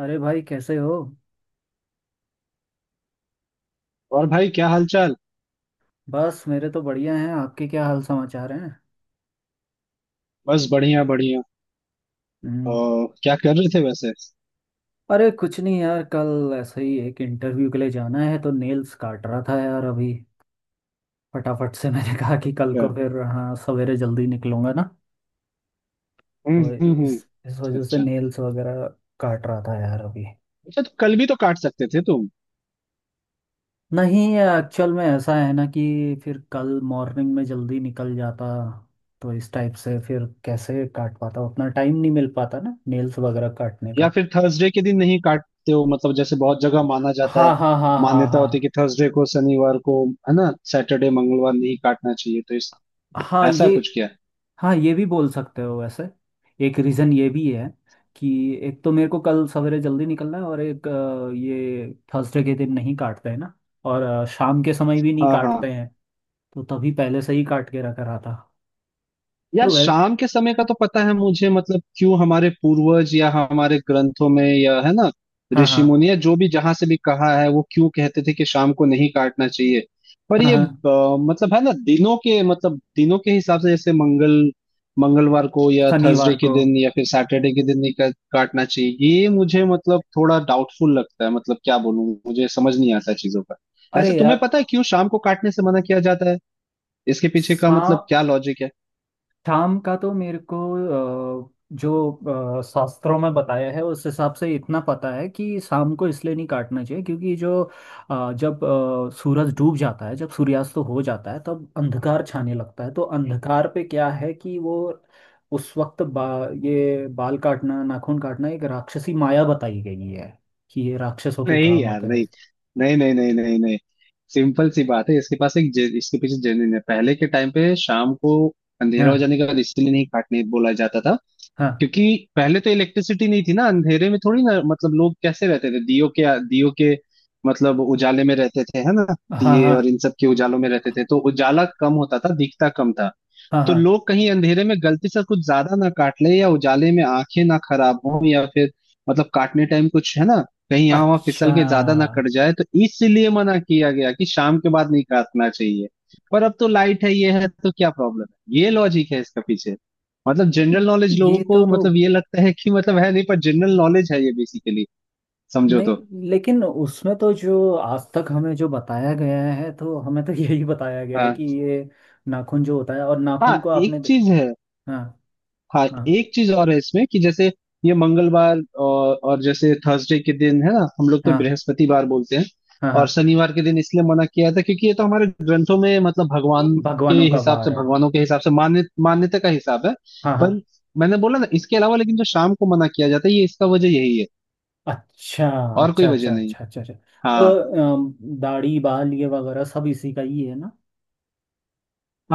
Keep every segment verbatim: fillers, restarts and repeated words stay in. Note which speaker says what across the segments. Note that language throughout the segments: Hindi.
Speaker 1: अरे भाई, कैसे हो?
Speaker 2: और भाई क्या हालचाल।
Speaker 1: बस मेरे तो बढ़िया हैं। आपके क्या हाल समाचार हैं?
Speaker 2: बस बढ़िया बढ़िया।
Speaker 1: हम्म।
Speaker 2: और क्या कर रहे थे वैसे? अच्छा।
Speaker 1: अरे कुछ नहीं यार, कल ऐसे ही एक इंटरव्यू के लिए जाना है तो नेल्स काट रहा था यार अभी। फटाफट से मैंने कहा कि कल को फिर, हाँ, सवेरे जल्दी निकलूंगा ना।
Speaker 2: हम्म
Speaker 1: तो
Speaker 2: हम्म
Speaker 1: इस
Speaker 2: हम्म।
Speaker 1: इस वजह से
Speaker 2: अच्छा,
Speaker 1: नेल्स वगैरह काट रहा था यार अभी।
Speaker 2: अच्छा तो कल भी तो काट सकते थे तुम।
Speaker 1: नहीं, एक्चुअल में ऐसा है ना कि फिर कल मॉर्निंग में जल्दी निकल जाता। तो इस टाइप से फिर कैसे काट पाता, उतना टाइम नहीं मिल पाता ना नेल्स वगैरह काटने
Speaker 2: या
Speaker 1: का।
Speaker 2: फिर थर्सडे के दिन नहीं काटते हो मतलब, जैसे बहुत जगह माना जाता है,
Speaker 1: हाँ, हाँ, हाँ, हाँ,
Speaker 2: मान्यता होती है
Speaker 1: हाँ।
Speaker 2: कि थर्सडे को, शनिवार को, है ना सैटरडे, मंगलवार नहीं काटना चाहिए तो इस,
Speaker 1: हाँ, ये।
Speaker 2: ऐसा कुछ क्या है?
Speaker 1: हाँ, ये भी बोल सकते हो वैसे। एक रीज़न ये भी है कि एक तो मेरे को कल सवेरे जल्दी निकलना है, और एक, अ, ये थर्सडे के दिन नहीं काटते हैं ना। और अ, शाम के समय भी नहीं
Speaker 2: हाँ हाँ।
Speaker 1: काटते हैं। तो तभी पहले से ही काट के रखा रहा था।
Speaker 2: यार
Speaker 1: तो वै
Speaker 2: शाम के समय का तो पता है मुझे, मतलब क्यों हमारे पूर्वज या हमारे ग्रंथों में या, है ना,
Speaker 1: हाँ,
Speaker 2: ऋषि
Speaker 1: हाँ,
Speaker 2: मुनि या जो भी जहां से भी कहा है, वो क्यों कहते थे कि शाम को नहीं काटना चाहिए। पर
Speaker 1: हाँ,
Speaker 2: ये
Speaker 1: हाँ।
Speaker 2: अ, मतलब है ना, दिनों के, मतलब दिनों के हिसाब से जैसे मंगल, मंगलवार को या थर्सडे
Speaker 1: शनिवार
Speaker 2: के
Speaker 1: को।
Speaker 2: दिन या फिर सैटरडे के दिन नहीं का, काटना चाहिए, ये मुझे मतलब थोड़ा डाउटफुल लगता है, मतलब क्या बोलूं, मुझे समझ नहीं आता है चीजों का।
Speaker 1: अरे
Speaker 2: ऐसा तुम्हें
Speaker 1: यार।
Speaker 2: पता है क्यों शाम को काटने से मना किया जाता है? इसके पीछे का
Speaker 1: सा
Speaker 2: मतलब क्या लॉजिक है?
Speaker 1: शाम का तो मेरे को अ, जो अ, शास्त्रों में बताया है उस हिसाब से इतना पता है कि शाम को इसलिए नहीं काटना चाहिए, क्योंकि जो अ, जब अ, सूरज डूब जाता है, जब सूर्यास्त हो जाता है, तब अंधकार छाने लगता है। तो अंधकार पे क्या है कि वो उस वक्त बा, ये बाल काटना, नाखून काटना एक राक्षसी माया बताई गई है। कि ये राक्षसों के
Speaker 2: नहीं
Speaker 1: काम
Speaker 2: यार,
Speaker 1: होते हैं।
Speaker 2: नहीं नहीं नहीं नहीं नहीं नहीं। सिंपल सी बात है, इसके पास एक जे- इसके पीछे जर्नी है। पहले के टाइम पे शाम को अंधेरा हो
Speaker 1: हाँ,
Speaker 2: जाने के बाद इसीलिए नहीं काटने बोला जाता था,
Speaker 1: हाँ,
Speaker 2: क्योंकि पहले तो इलेक्ट्रिसिटी नहीं थी ना, अंधेरे में थोड़ी ना, मतलब लोग कैसे रहते थे, दियो के दियो के मतलब उजाले में रहते थे, है ना।
Speaker 1: हाँ,
Speaker 2: दिए
Speaker 1: हाँ,
Speaker 2: और इन सब के उजालों में रहते थे, तो उजाला कम होता था, दिखता कम था।
Speaker 1: हाँ,
Speaker 2: तो
Speaker 1: हाँ।
Speaker 2: लोग कहीं अंधेरे में गलती से कुछ ज्यादा ना काट ले, या उजाले में आंखें ना खराब हो, या फिर मतलब काटने टाइम कुछ, है ना, कहीं यहाँ वहां
Speaker 1: अच्छा।
Speaker 2: फिसल के ज्यादा ना कट जाए, तो इसलिए मना किया गया कि शाम के बाद नहीं काटना चाहिए। पर अब तो लाइट है ये है, तो क्या प्रॉब्लम है? ये लॉजिक है इसका पीछे। मतलब जनरल नॉलेज लोगों
Speaker 1: ये तो।
Speaker 2: को, मतलब ये लगता है कि मतलब है नहीं, पर जनरल नॉलेज है ये बेसिकली, समझो तो।
Speaker 1: नहीं, लेकिन उसमें तो जो आज तक हमें, जो बताया गया है, तो हमें तो यही बताया गया है
Speaker 2: हाँ
Speaker 1: कि ये नाखून जो होता है और
Speaker 2: हाँ
Speaker 1: नाखून को आपने
Speaker 2: एक
Speaker 1: दे।
Speaker 2: चीज है।
Speaker 1: हाँ,
Speaker 2: हाँ
Speaker 1: हाँ,
Speaker 2: एक चीज और है इसमें, कि जैसे ये मंगलवार और, और जैसे थर्सडे के दिन, है ना, हम लोग तो
Speaker 1: हाँ,
Speaker 2: बृहस्पतिवार बोलते हैं।
Speaker 1: हाँ,
Speaker 2: और
Speaker 1: हाँ।
Speaker 2: शनिवार के दिन इसलिए मना किया था, क्योंकि ये तो हमारे ग्रंथों में मतलब भगवान के
Speaker 1: भगवानों का
Speaker 2: हिसाब से,
Speaker 1: वार है।
Speaker 2: भगवानों के हिसाब से मान्य, मान्यता का हिसाब है।
Speaker 1: हाँ, हाँ।
Speaker 2: पर मैंने बोला ना, इसके अलावा लेकिन जो शाम को मना किया जाता है, ये इसका वजह यही है,
Speaker 1: अच्छा,
Speaker 2: और
Speaker 1: अच्छा,
Speaker 2: कोई वजह
Speaker 1: अच्छा,
Speaker 2: नहीं।
Speaker 1: अच्छा, अच्छा, अच्छा। तो
Speaker 2: हाँ
Speaker 1: अम, दाढ़ी बाल ये वगैरह सब इसी का ही है ना?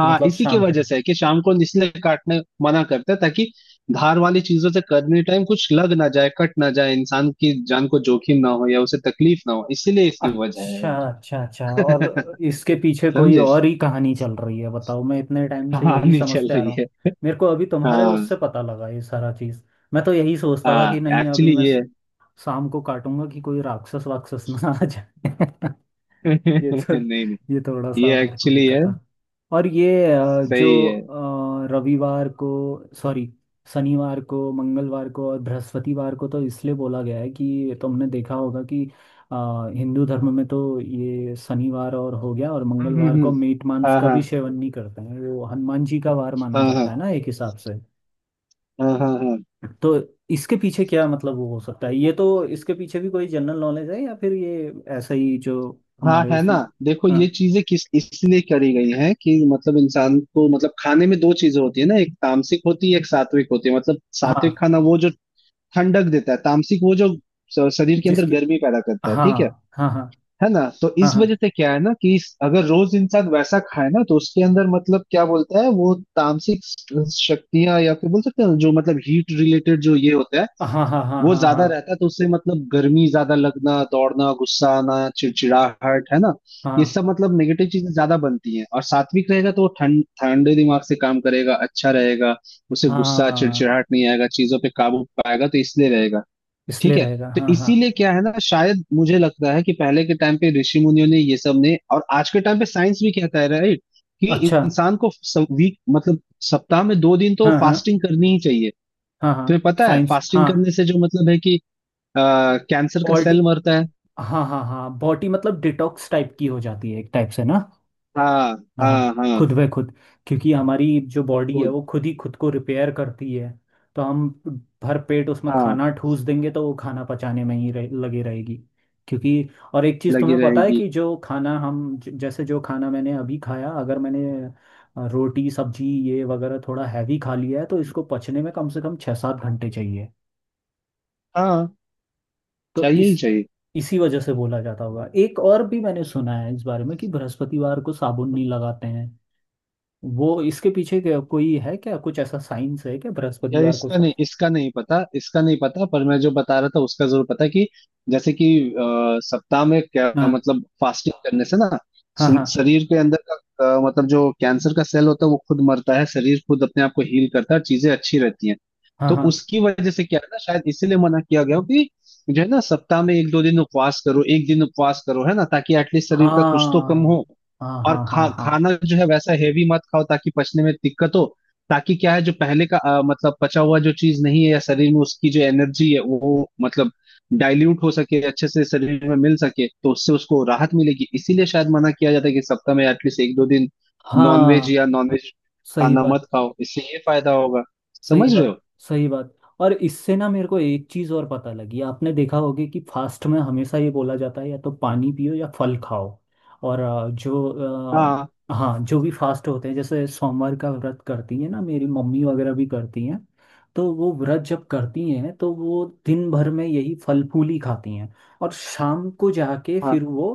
Speaker 1: कि मतलब
Speaker 2: इसी की
Speaker 1: शाम के।
Speaker 2: वजह से है कि शाम को इसलिए काटने मना करते हैं, ताकि धार वाली चीजों से करने टाइम कुछ लग ना जाए, कट ना जाए, इंसान की जान को जोखिम ना हो, या उसे तकलीफ ना हो, इसीलिए इसकी वजह है।
Speaker 1: अच्छा, अच्छा, अच्छा,
Speaker 2: यार
Speaker 1: और इसके पीछे कोई
Speaker 2: समझे,
Speaker 1: और ही कहानी चल रही है? बताओ, मैं इतने टाइम से यही
Speaker 2: कहानी चल
Speaker 1: समझते आ
Speaker 2: रही
Speaker 1: रहा
Speaker 2: है।
Speaker 1: हूँ। मेरे को अभी तुम्हारे
Speaker 2: हाँ
Speaker 1: उससे पता लगा ये सारा चीज़। मैं तो यही सोचता था कि
Speaker 2: हाँ,
Speaker 1: नहीं, अभी
Speaker 2: एक्चुअली
Speaker 1: मैं
Speaker 2: ये है।
Speaker 1: शाम को काटूंगा कि कोई राक्षस वाक्षस ना आ जाए। ये तो।
Speaker 2: नहीं नहीं,
Speaker 1: ये थोड़ा सा
Speaker 2: ये
Speaker 1: मेरे को
Speaker 2: एक्चुअली
Speaker 1: दिक्कत
Speaker 2: है,
Speaker 1: है। और ये अ,
Speaker 2: सही है।
Speaker 1: जो अ, रविवार को, सॉरी, शनिवार को, मंगलवार को और बृहस्पतिवार को तो इसलिए बोला गया है कि तुमने देखा होगा कि अ, हिंदू धर्म में तो ये शनिवार और हो गया, और
Speaker 2: हम्म, हम्म,
Speaker 1: मंगलवार को
Speaker 2: हम्म।
Speaker 1: मीट मांस
Speaker 2: हाँ
Speaker 1: का भी
Speaker 2: हाँ,
Speaker 1: सेवन नहीं करते हैं, वो हनुमान जी का वार माना
Speaker 2: हाँ हाँ,
Speaker 1: जाता है ना एक हिसाब से।
Speaker 2: हाँ हाँ हाँ,
Speaker 1: तो इसके पीछे क्या मतलब वो हो सकता है? ये तो इसके पीछे भी कोई जनरल नॉलेज है या फिर ये ऐसा ही जो
Speaker 2: हाँ।
Speaker 1: हमारे
Speaker 2: है ना,
Speaker 1: उसमें।
Speaker 2: देखो
Speaker 1: हाँ,
Speaker 2: ये चीजें किस इसलिए करी गई हैं, कि मतलब इंसान को, मतलब खाने में दो चीजें होती है ना, एक तामसिक होती है, एक सात्विक होती है। मतलब सात्विक
Speaker 1: हाँ।
Speaker 2: खाना वो जो ठंडक देता है, तामसिक वो जो स- शरीर के अंदर
Speaker 1: जिसकी।
Speaker 2: गर्मी पैदा करता है,
Speaker 1: हाँ,
Speaker 2: ठीक है।
Speaker 1: हाँ, हाँ,
Speaker 2: है ना, तो इस
Speaker 1: हाँ,
Speaker 2: वजह से क्या है ना कि इस- अगर रोज इंसान वैसा खाए ना, तो उसके अंदर मतलब क्या बोलता है वो, तामसिक शक्तियां, या फिर बोल सकते हैं जो मतलब हीट रिलेटेड जो ये होता है
Speaker 1: हाँ, हाँ, हाँ,
Speaker 2: वो
Speaker 1: हाँ,
Speaker 2: ज्यादा
Speaker 1: हाँ,
Speaker 2: रहता है। तो उससे मतलब गर्मी ज्यादा लगना, दौड़ना, गुस्सा आना, चिड़चिड़ाहट, है ना, ये
Speaker 1: हाँ,
Speaker 2: सब मतलब नेगेटिव चीजें ज्यादा बनती हैं। और सात्विक रहेगा तो वो ठंड, ठंडे दिमाग से काम करेगा, अच्छा रहेगा, उसे
Speaker 1: हाँ,
Speaker 2: गुस्सा
Speaker 1: हाँ,
Speaker 2: चिड़चिड़ाहट नहीं आएगा, चीजों पे काबू पाएगा, तो इसलिए रहेगा।
Speaker 1: इसलिए
Speaker 2: ठीक है।
Speaker 1: रहेगा,
Speaker 2: तो
Speaker 1: हाँ, हाँ।
Speaker 2: इसीलिए क्या है ना, शायद मुझे लगता है कि पहले के टाइम पे ऋषि मुनियों ने ये सब ने, और आज के टाइम पे साइंस भी कहता है, राइट, कि
Speaker 1: अच्छा।
Speaker 2: इंसान को वीक मतलब सप्ताह में दो दिन तो
Speaker 1: हाँ, हाँ,
Speaker 2: फास्टिंग करनी ही चाहिए।
Speaker 1: हाँ, हाँ
Speaker 2: तुम्हें पता है
Speaker 1: साइंस,
Speaker 2: फास्टिंग
Speaker 1: हाँ।
Speaker 2: करने से जो मतलब है कि आ, कैंसर का
Speaker 1: बॉडी।
Speaker 2: सेल मरता है।
Speaker 1: हाँ, हाँ, हाँ, बॉडी मतलब डिटॉक्स टाइप की हो जाती है एक टाइप से ना।
Speaker 2: हाँ
Speaker 1: हाँ,
Speaker 2: हाँ
Speaker 1: हाँ,
Speaker 2: हाँ,
Speaker 1: खुद ब खुद। क्योंकि हमारी जो बॉडी है
Speaker 2: खुद।
Speaker 1: वो खुद ही खुद को रिपेयर करती है। तो हम भर पेट उसमें
Speaker 2: हाँ,
Speaker 1: खाना ठूस देंगे तो वो खाना पचाने में ही रहे, लगी रहेगी। क्योंकि और एक चीज़
Speaker 2: लगी
Speaker 1: तुम्हें पता है
Speaker 2: रहेगी।
Speaker 1: कि जो खाना हम ज- जैसे जो खाना मैंने अभी खाया, अगर मैंने अ, रोटी सब्जी ये वगैरह थोड़ा हैवी खा लिया है तो इसको पचने में कम से कम छः सात घंटे चाहिए।
Speaker 2: हाँ,
Speaker 1: तो
Speaker 2: चाहिए ही
Speaker 1: इस
Speaker 2: चाहिए।
Speaker 1: इसी वजह से बोला जाता होगा। एक और भी मैंने सुना है इस बारे में कि बृहस्पतिवार को साबुन नहीं लगाते हैं। वो इसके पीछे क्या- कोई है क्या, कुछ ऐसा साइंस है क्या
Speaker 2: यार
Speaker 1: बृहस्पतिवार को
Speaker 2: इसका नहीं,
Speaker 1: सब?
Speaker 2: इसका नहीं पता, इसका नहीं पता, पर मैं जो बता रहा था उसका जरूर पता है, कि जैसे कि अ, सप्ताह में क्या
Speaker 1: हाँ,
Speaker 2: मतलब फास्टिंग करने से ना,
Speaker 1: हाँ, हाँ,
Speaker 2: स- शरीर के अंदर का अ, मतलब जो कैंसर का सेल होता है वो खुद मरता है, शरीर खुद अपने आप को हील करता है, चीजें अच्छी रहती हैं।
Speaker 1: हाँ,
Speaker 2: तो
Speaker 1: हाँ,
Speaker 2: उसकी वजह से क्या है ना, शायद इसीलिए मना किया गया हो कि जो है ना, सप्ताह में एक दो दिन उपवास करो, एक दिन उपवास करो, है ना, ताकि एटलीस्ट शरीर का कुछ तो कम हो।
Speaker 1: हाँ,
Speaker 2: और
Speaker 1: हाँ, हाँ, हाँ, हाँ,
Speaker 2: खा
Speaker 1: हाँ,
Speaker 2: खाना जो है वैसा हेवी मत खाओ, ताकि पचने में दिक्कत हो, ताकि क्या है जो पहले का अ, मतलब पचा हुआ जो चीज नहीं है, या शरीर में उसकी जो एनर्जी है वो मतलब डाइल्यूट हो सके अच्छे से, शरीर में मिल सके, तो उससे उसको राहत मिलेगी। इसीलिए शायद मना किया जाता है कि सप्ताह में एटलीस्ट एक दो दिन नॉनवेज,
Speaker 1: हाँ।
Speaker 2: या नॉनवेज
Speaker 1: सही
Speaker 2: खाना
Speaker 1: बात।
Speaker 2: मत खाओ, इससे ये फायदा होगा,
Speaker 1: सही
Speaker 2: समझ रहे
Speaker 1: बात।
Speaker 2: हो।
Speaker 1: सही बात। और इससे ना मेरे को एक चीज और पता लगी, आपने देखा होगा कि फास्ट में हमेशा ये बोला जाता है या तो पानी पियो या फल खाओ। और अ, जो
Speaker 2: हाँ
Speaker 1: अ, हाँ, जो भी फास्ट होते हैं जैसे सोमवार का व्रत करती है ना मेरी मम्मी वगैरह भी करती हैं। तो वो व्रत जब करती हैं तो वो दिन भर में यही फल फूल ही खाती हैं। और शाम को जाके
Speaker 2: हाँ,
Speaker 1: फिर वो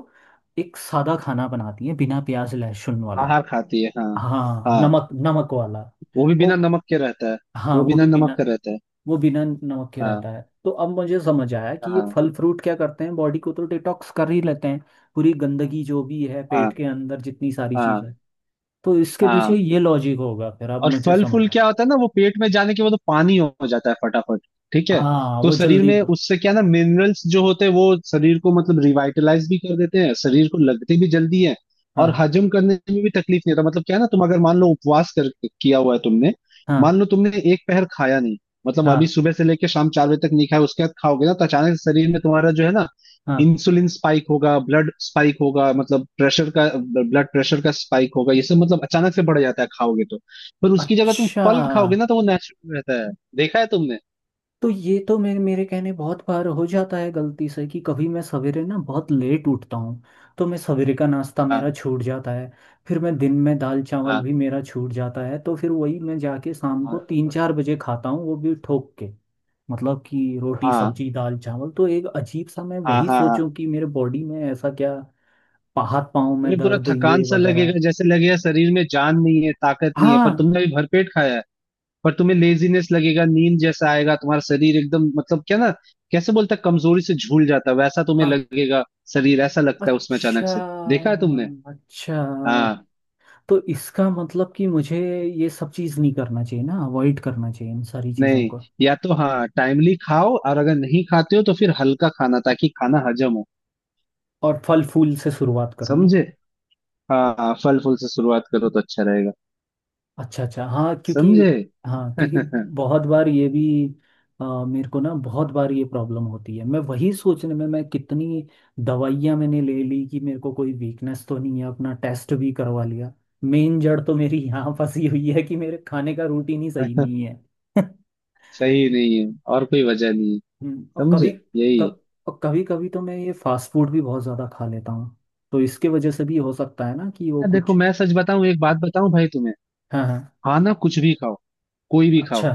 Speaker 1: एक सादा खाना बनाती हैं बिना प्याज लहसुन वाला।
Speaker 2: आहार खाती है, हाँ।
Speaker 1: हाँ,
Speaker 2: हाँ,
Speaker 1: नमक नमक वाला।
Speaker 2: वो भी
Speaker 1: ओ।
Speaker 2: बिना नमक के रहता है।
Speaker 1: हाँ,
Speaker 2: वो
Speaker 1: वो
Speaker 2: बिना
Speaker 1: भी
Speaker 2: नमक
Speaker 1: बिना।
Speaker 2: का रहता है।
Speaker 1: वो बिना नमक के
Speaker 2: हाँ
Speaker 1: रहता है। तो अब मुझे समझ आया कि ये
Speaker 2: हाँ।
Speaker 1: फल फ्रूट क्या करते हैं, बॉडी को तो डिटॉक्स कर ही लेते हैं। पूरी गंदगी जो भी है
Speaker 2: हाँ
Speaker 1: पेट के अंदर जितनी सारी चीज़
Speaker 2: हाँ
Speaker 1: है। तो इसके पीछे
Speaker 2: हाँ।
Speaker 1: ये लॉजिक होगा, फिर अब
Speaker 2: और
Speaker 1: मुझे
Speaker 2: फल फूल
Speaker 1: समझ आया।
Speaker 2: क्या होता है ना, वो पेट में जाने के बाद वो पानी हो हो जाता है फटाफट, ठीक है।
Speaker 1: हाँ,
Speaker 2: तो
Speaker 1: वो
Speaker 2: शरीर
Speaker 1: जल्दी।
Speaker 2: में उससे क्या ना, मिनरल्स जो होते हैं वो शरीर को मतलब रिवाइटलाइज भी कर देते हैं, शरीर को लगते भी जल्दी है, और
Speaker 1: हाँ,
Speaker 2: हजम करने में भी तकलीफ नहीं होता। मतलब क्या है ना, तुम अगर मान लो उपवास कर किया हुआ है तुमने,
Speaker 1: हाँ,
Speaker 2: मान लो तुमने एक पहर खाया नहीं, मतलब
Speaker 1: हाँ,
Speaker 2: अभी सुबह से लेकर शाम चार बजे तक नहीं खाया, उसके बाद खाओगे ना, तो अचानक से शरीर में तुम्हारा जो है ना,
Speaker 1: हाँ।
Speaker 2: इंसुलिन स्पाइक होगा, ब्लड स्पाइक होगा, मतलब प्रेशर का, ब्लड प्रेशर का स्पाइक होगा, ये सब मतलब अचानक से बढ़ जाता है खाओगे तो। पर उसकी जगह तुम
Speaker 1: अच्छा
Speaker 2: फल खाओगे ना, तो वो नेचुरल रहता है। देखा है तुमने?
Speaker 1: तो ये तो मेरे मेरे कहने बहुत बार हो जाता है गलती से कि कभी मैं सवेरे ना बहुत लेट उठता हूँ। तो मैं सवेरे का नाश्ता
Speaker 2: हाँ
Speaker 1: मेरा छूट जाता है। फिर मैं दिन में दाल चावल भी
Speaker 2: हाँ
Speaker 1: मेरा छूट जाता है, तो फिर वही मैं जाके शाम को
Speaker 2: हाँ
Speaker 1: तीन चार बजे खाता हूँ, वो भी ठोक के, मतलब कि रोटी
Speaker 2: हाँ
Speaker 1: सब्जी दाल चावल। तो एक अजीब सा मैं
Speaker 2: हाँ
Speaker 1: वही
Speaker 2: हाँ
Speaker 1: सोचूं
Speaker 2: हाँ।
Speaker 1: कि मेरे बॉडी में ऐसा क्या, पा- हाथ पाँव में
Speaker 2: तुम्हें पूरा
Speaker 1: दर्द
Speaker 2: थकान
Speaker 1: ये
Speaker 2: सा
Speaker 1: वगैरह।
Speaker 2: लगेगा, जैसे लगेगा शरीर में जान नहीं है, ताकत नहीं है, पर
Speaker 1: हाँ,
Speaker 2: तुमने अभी भरपेट खाया है, पर तुम्हें लेजीनेस लगेगा, नींद जैसा आएगा, तुम्हारा शरीर एकदम मतलब क्या ना, कैसे बोलता है, कमजोरी से झूल जाता है वैसा तुम्हें
Speaker 1: हाँ।
Speaker 2: लगेगा। शरीर ऐसा लगता है उसमें
Speaker 1: अच्छा,
Speaker 2: अचानक से, देखा है तुमने?
Speaker 1: अच्छा।
Speaker 2: हाँ।
Speaker 1: तो इसका मतलब कि मुझे ये सब चीज़ नहीं करना चाहिए ना, अवॉइड करना चाहिए इन सारी चीज़ों
Speaker 2: नहीं,
Speaker 1: को।
Speaker 2: या तो हाँ टाइमली खाओ, और अगर नहीं खाते हो तो फिर हल्का खाना ताकि खाना हजम हो,
Speaker 1: और फल फूल से शुरुआत करो ना।
Speaker 2: समझे। हाँ हाँ, फल फूल से शुरुआत करो तो अच्छा रहेगा,
Speaker 1: अच्छा, अच्छा, हाँ, क्योंकि,
Speaker 2: समझे।
Speaker 1: हाँ क्योंकि बहुत बार ये भी अ, मेरे को ना बहुत बार ये प्रॉब्लम होती है, मैं वही सोचने में मैं कितनी दवाइयाँ मैंने ले ली कि मेरे को कोई वीकनेस तो नहीं है, अपना टेस्ट भी करवा लिया। मेन जड़ तो मेरी यहाँ फंसी हुई है कि मेरे खाने का रूटीन ही सही नहीं है।
Speaker 2: सही नहीं है और कोई वजह नहीं है,
Speaker 1: हम्म, और कभी
Speaker 2: समझे, यही है।
Speaker 1: कभ, और कभी कभी तो मैं ये फास्ट फूड भी बहुत ज़्यादा खा लेता हूँ, तो इसके वजह से भी हो सकता है ना कि वो
Speaker 2: अ, देखो
Speaker 1: कुछ।
Speaker 2: मैं सच बताऊं, एक बात बताऊं भाई तुम्हें,
Speaker 1: हाँ, हाँ।
Speaker 2: खाना कुछ भी खाओ, कोई भी खाओ।
Speaker 1: अच्छा।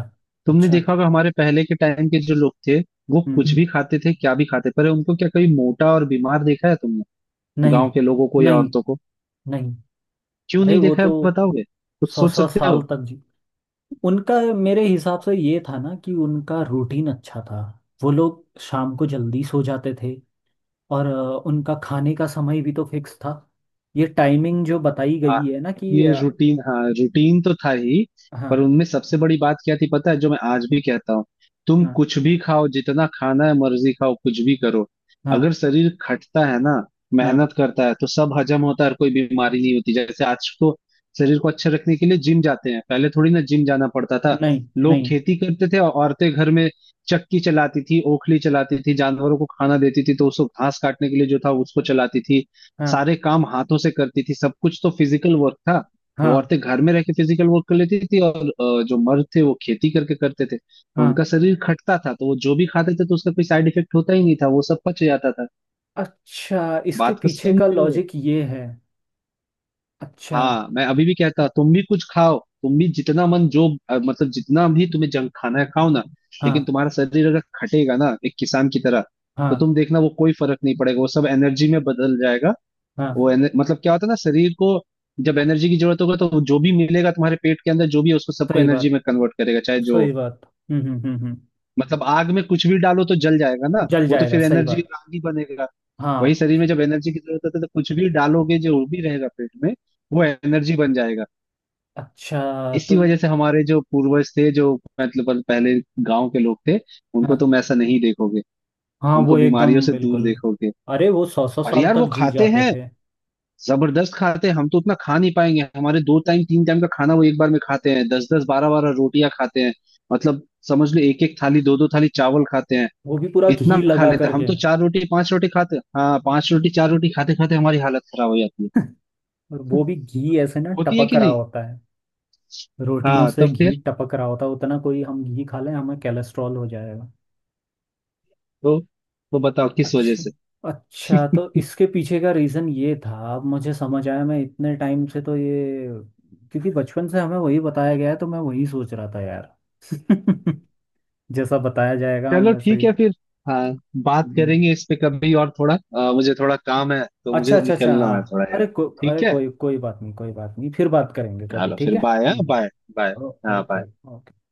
Speaker 2: तुमने
Speaker 1: अच्छा।
Speaker 2: देखा होगा हमारे पहले के टाइम के जो लोग थे, वो कुछ
Speaker 1: हम्म।
Speaker 2: भी खाते थे, क्या भी खाते, पर उनको क्या कभी मोटा और बीमार देखा है तुमने,
Speaker 1: नहीं,
Speaker 2: गांव के लोगों को या
Speaker 1: नहीं,
Speaker 2: औरतों को?
Speaker 1: नहीं।
Speaker 2: क्यों
Speaker 1: अरे
Speaker 2: नहीं
Speaker 1: वो
Speaker 2: देखा है
Speaker 1: तो
Speaker 2: बताओगे, कुछ
Speaker 1: सौ
Speaker 2: सोच
Speaker 1: सौ
Speaker 2: सकते हो?
Speaker 1: साल तक जी, उनका मेरे हिसाब से ये था ना कि उनका रूटीन अच्छा था। वो लोग शाम को जल्दी सो जाते थे। और अ, उनका खाने का समय भी तो फिक्स था। ये टाइमिंग जो बताई
Speaker 2: हाँ
Speaker 1: गई है ना कि
Speaker 2: ये
Speaker 1: अ,
Speaker 2: रूटीन, हाँ रूटीन तो था ही,
Speaker 1: हाँ,
Speaker 2: पर उनमें सबसे बड़ी बात क्या थी पता है, जो मैं आज भी कहता हूँ, तुम
Speaker 1: हाँ,
Speaker 2: कुछ भी खाओ, जितना खाना है मर्जी खाओ, कुछ भी करो,
Speaker 1: हाँ,
Speaker 2: अगर शरीर खटता है ना,
Speaker 1: हाँ।
Speaker 2: मेहनत करता है, तो सब हजम होता है और कोई बीमारी नहीं होती। जैसे आज तो शरीर को अच्छा रखने के लिए जिम जाते हैं, पहले थोड़ी ना जिम जाना पड़ता था।
Speaker 1: नहीं,
Speaker 2: लोग
Speaker 1: नहीं।
Speaker 2: खेती करते थे, और औरतें घर में चक्की चलाती थी, ओखली चलाती थी, जानवरों को खाना देती थी, तो उसको घास काटने के लिए जो था उसको चलाती थी,
Speaker 1: हाँ,
Speaker 2: सारे काम हाथों से करती थी, सब कुछ तो फिजिकल वर्क था। वो
Speaker 1: हाँ,
Speaker 2: औरतें घर में रह के फिजिकल वर्क कर लेती थी, और अ, जो मर्द थे वो खेती करके करते थे, तो
Speaker 1: हाँ।
Speaker 2: उनका शरीर खटता था, तो वो जो भी खाते थे तो उसका कोई साइड इफेक्ट होता ही नहीं था, वो सब पच जाता था।
Speaker 1: अच्छा, इसके
Speaker 2: बात को
Speaker 1: पीछे का
Speaker 2: समझो।
Speaker 1: लॉजिक ये है। अच्छा।
Speaker 2: हाँ मैं अभी भी कहता, तुम भी कुछ खाओ, तुम भी जितना मन जो अ, मतलब जितना भी तुम्हें जंक खाना है खाओ ना, लेकिन
Speaker 1: हाँ,
Speaker 2: तुम्हारा शरीर अगर खटेगा ना एक किसान की तरह, तो
Speaker 1: हाँ,
Speaker 2: तुम देखना वो कोई फर्क नहीं पड़ेगा, वो सब एनर्जी में बदल जाएगा।
Speaker 1: हाँ।
Speaker 2: वो एन- मतलब क्या होता है ना, शरीर को जब एनर्जी की जरूरत होगा, तो जो भी मिलेगा तुम्हारे पेट के अंदर जो भी है, उसको सबको
Speaker 1: सही
Speaker 2: एनर्जी
Speaker 1: बात।
Speaker 2: में कन्वर्ट करेगा चाहे जो।
Speaker 1: सही बात। हम्म, हम्म, हम्म, हम्म,
Speaker 2: मतलब आग में कुछ भी डालो तो जल जाएगा ना,
Speaker 1: जल
Speaker 2: वो तो
Speaker 1: जाएगा,
Speaker 2: फिर
Speaker 1: सही
Speaker 2: एनर्जी,
Speaker 1: बात।
Speaker 2: आग ही बनेगा। वही
Speaker 1: हाँ।
Speaker 2: शरीर में जब एनर्जी की जरूरत होती है, तो कुछ भी डालोगे जो भी रहेगा पेट में वो एनर्जी बन जाएगा।
Speaker 1: अच्छा
Speaker 2: इसी
Speaker 1: तो ये-
Speaker 2: वजह से हमारे जो पूर्वज थे, जो मतलब पहले गांव के लोग थे, उनको
Speaker 1: हाँ,
Speaker 2: तुम ऐसा नहीं देखोगे,
Speaker 1: हाँ,
Speaker 2: उनको
Speaker 1: वो
Speaker 2: बीमारियों
Speaker 1: एकदम
Speaker 2: से दूर
Speaker 1: बिल्कुल,
Speaker 2: देखोगे।
Speaker 1: अरे वो सौ सौ
Speaker 2: और
Speaker 1: साल
Speaker 2: यार वो
Speaker 1: तक जी
Speaker 2: खाते
Speaker 1: जाते
Speaker 2: हैं,
Speaker 1: थे।
Speaker 2: जबरदस्त खाते हैं, हम तो उतना खा नहीं पाएंगे, हमारे दो टाइम तीन टाइम का खाना वो एक बार में खाते हैं, दस दस बारह बारह रोटियां खाते हैं, मतलब समझ लो एक एक थाली दो दो थाली चावल खाते हैं,
Speaker 1: वो भी पूरा
Speaker 2: इतना
Speaker 1: घी
Speaker 2: खा
Speaker 1: लगा
Speaker 2: लेते हैं। हम
Speaker 1: करके।
Speaker 2: तो चार रोटी पांच रोटी खाते हैं, हाँ पांच रोटी चार रोटी खाते खाते हमारी हालत खराब हो जाती है,
Speaker 1: और वो भी घी ऐसे ना
Speaker 2: होती है
Speaker 1: टपक
Speaker 2: कि
Speaker 1: रहा
Speaker 2: नहीं।
Speaker 1: होता है, रोटियों
Speaker 2: हाँ
Speaker 1: से
Speaker 2: तब फिर,
Speaker 1: घी टपक रहा होता है, उतना कोई हम घी खा लें हमें कैलेस्ट्रॉल हो जाएगा।
Speaker 2: तो तो बताओ किस वजह
Speaker 1: अच्छा,
Speaker 2: से।
Speaker 1: अच्छा, तो इसके पीछे का रीज़न ये था, अब मुझे समझ आया। मैं इतने टाइम से तो ये, क्योंकि बचपन से हमें वही बताया गया है तो मैं वही सोच रहा था यार। जैसा बताया जाएगा हम
Speaker 2: चलो
Speaker 1: वैसे
Speaker 2: ठीक
Speaker 1: ही।
Speaker 2: है फिर। हाँ बात
Speaker 1: हम्म,
Speaker 2: करेंगे इस पे कभी और, थोड़ा अ, मुझे थोड़ा काम है, तो
Speaker 1: अच्छा,
Speaker 2: मुझे
Speaker 1: अच्छा, अच्छा,
Speaker 2: निकलना है
Speaker 1: हाँ।
Speaker 2: थोड़ा यार।
Speaker 1: अरे को,
Speaker 2: ठीक
Speaker 1: अरे
Speaker 2: है,
Speaker 1: कोई कोई बात नहीं, कोई बात नहीं, फिर बात करेंगे कभी,
Speaker 2: चलो
Speaker 1: ठीक
Speaker 2: फिर
Speaker 1: है।
Speaker 2: बाय, हाँ
Speaker 1: हम्म,
Speaker 2: बाय, बाय।
Speaker 1: ओ-
Speaker 2: हाँ
Speaker 1: ओके।
Speaker 2: bye।
Speaker 1: ओके।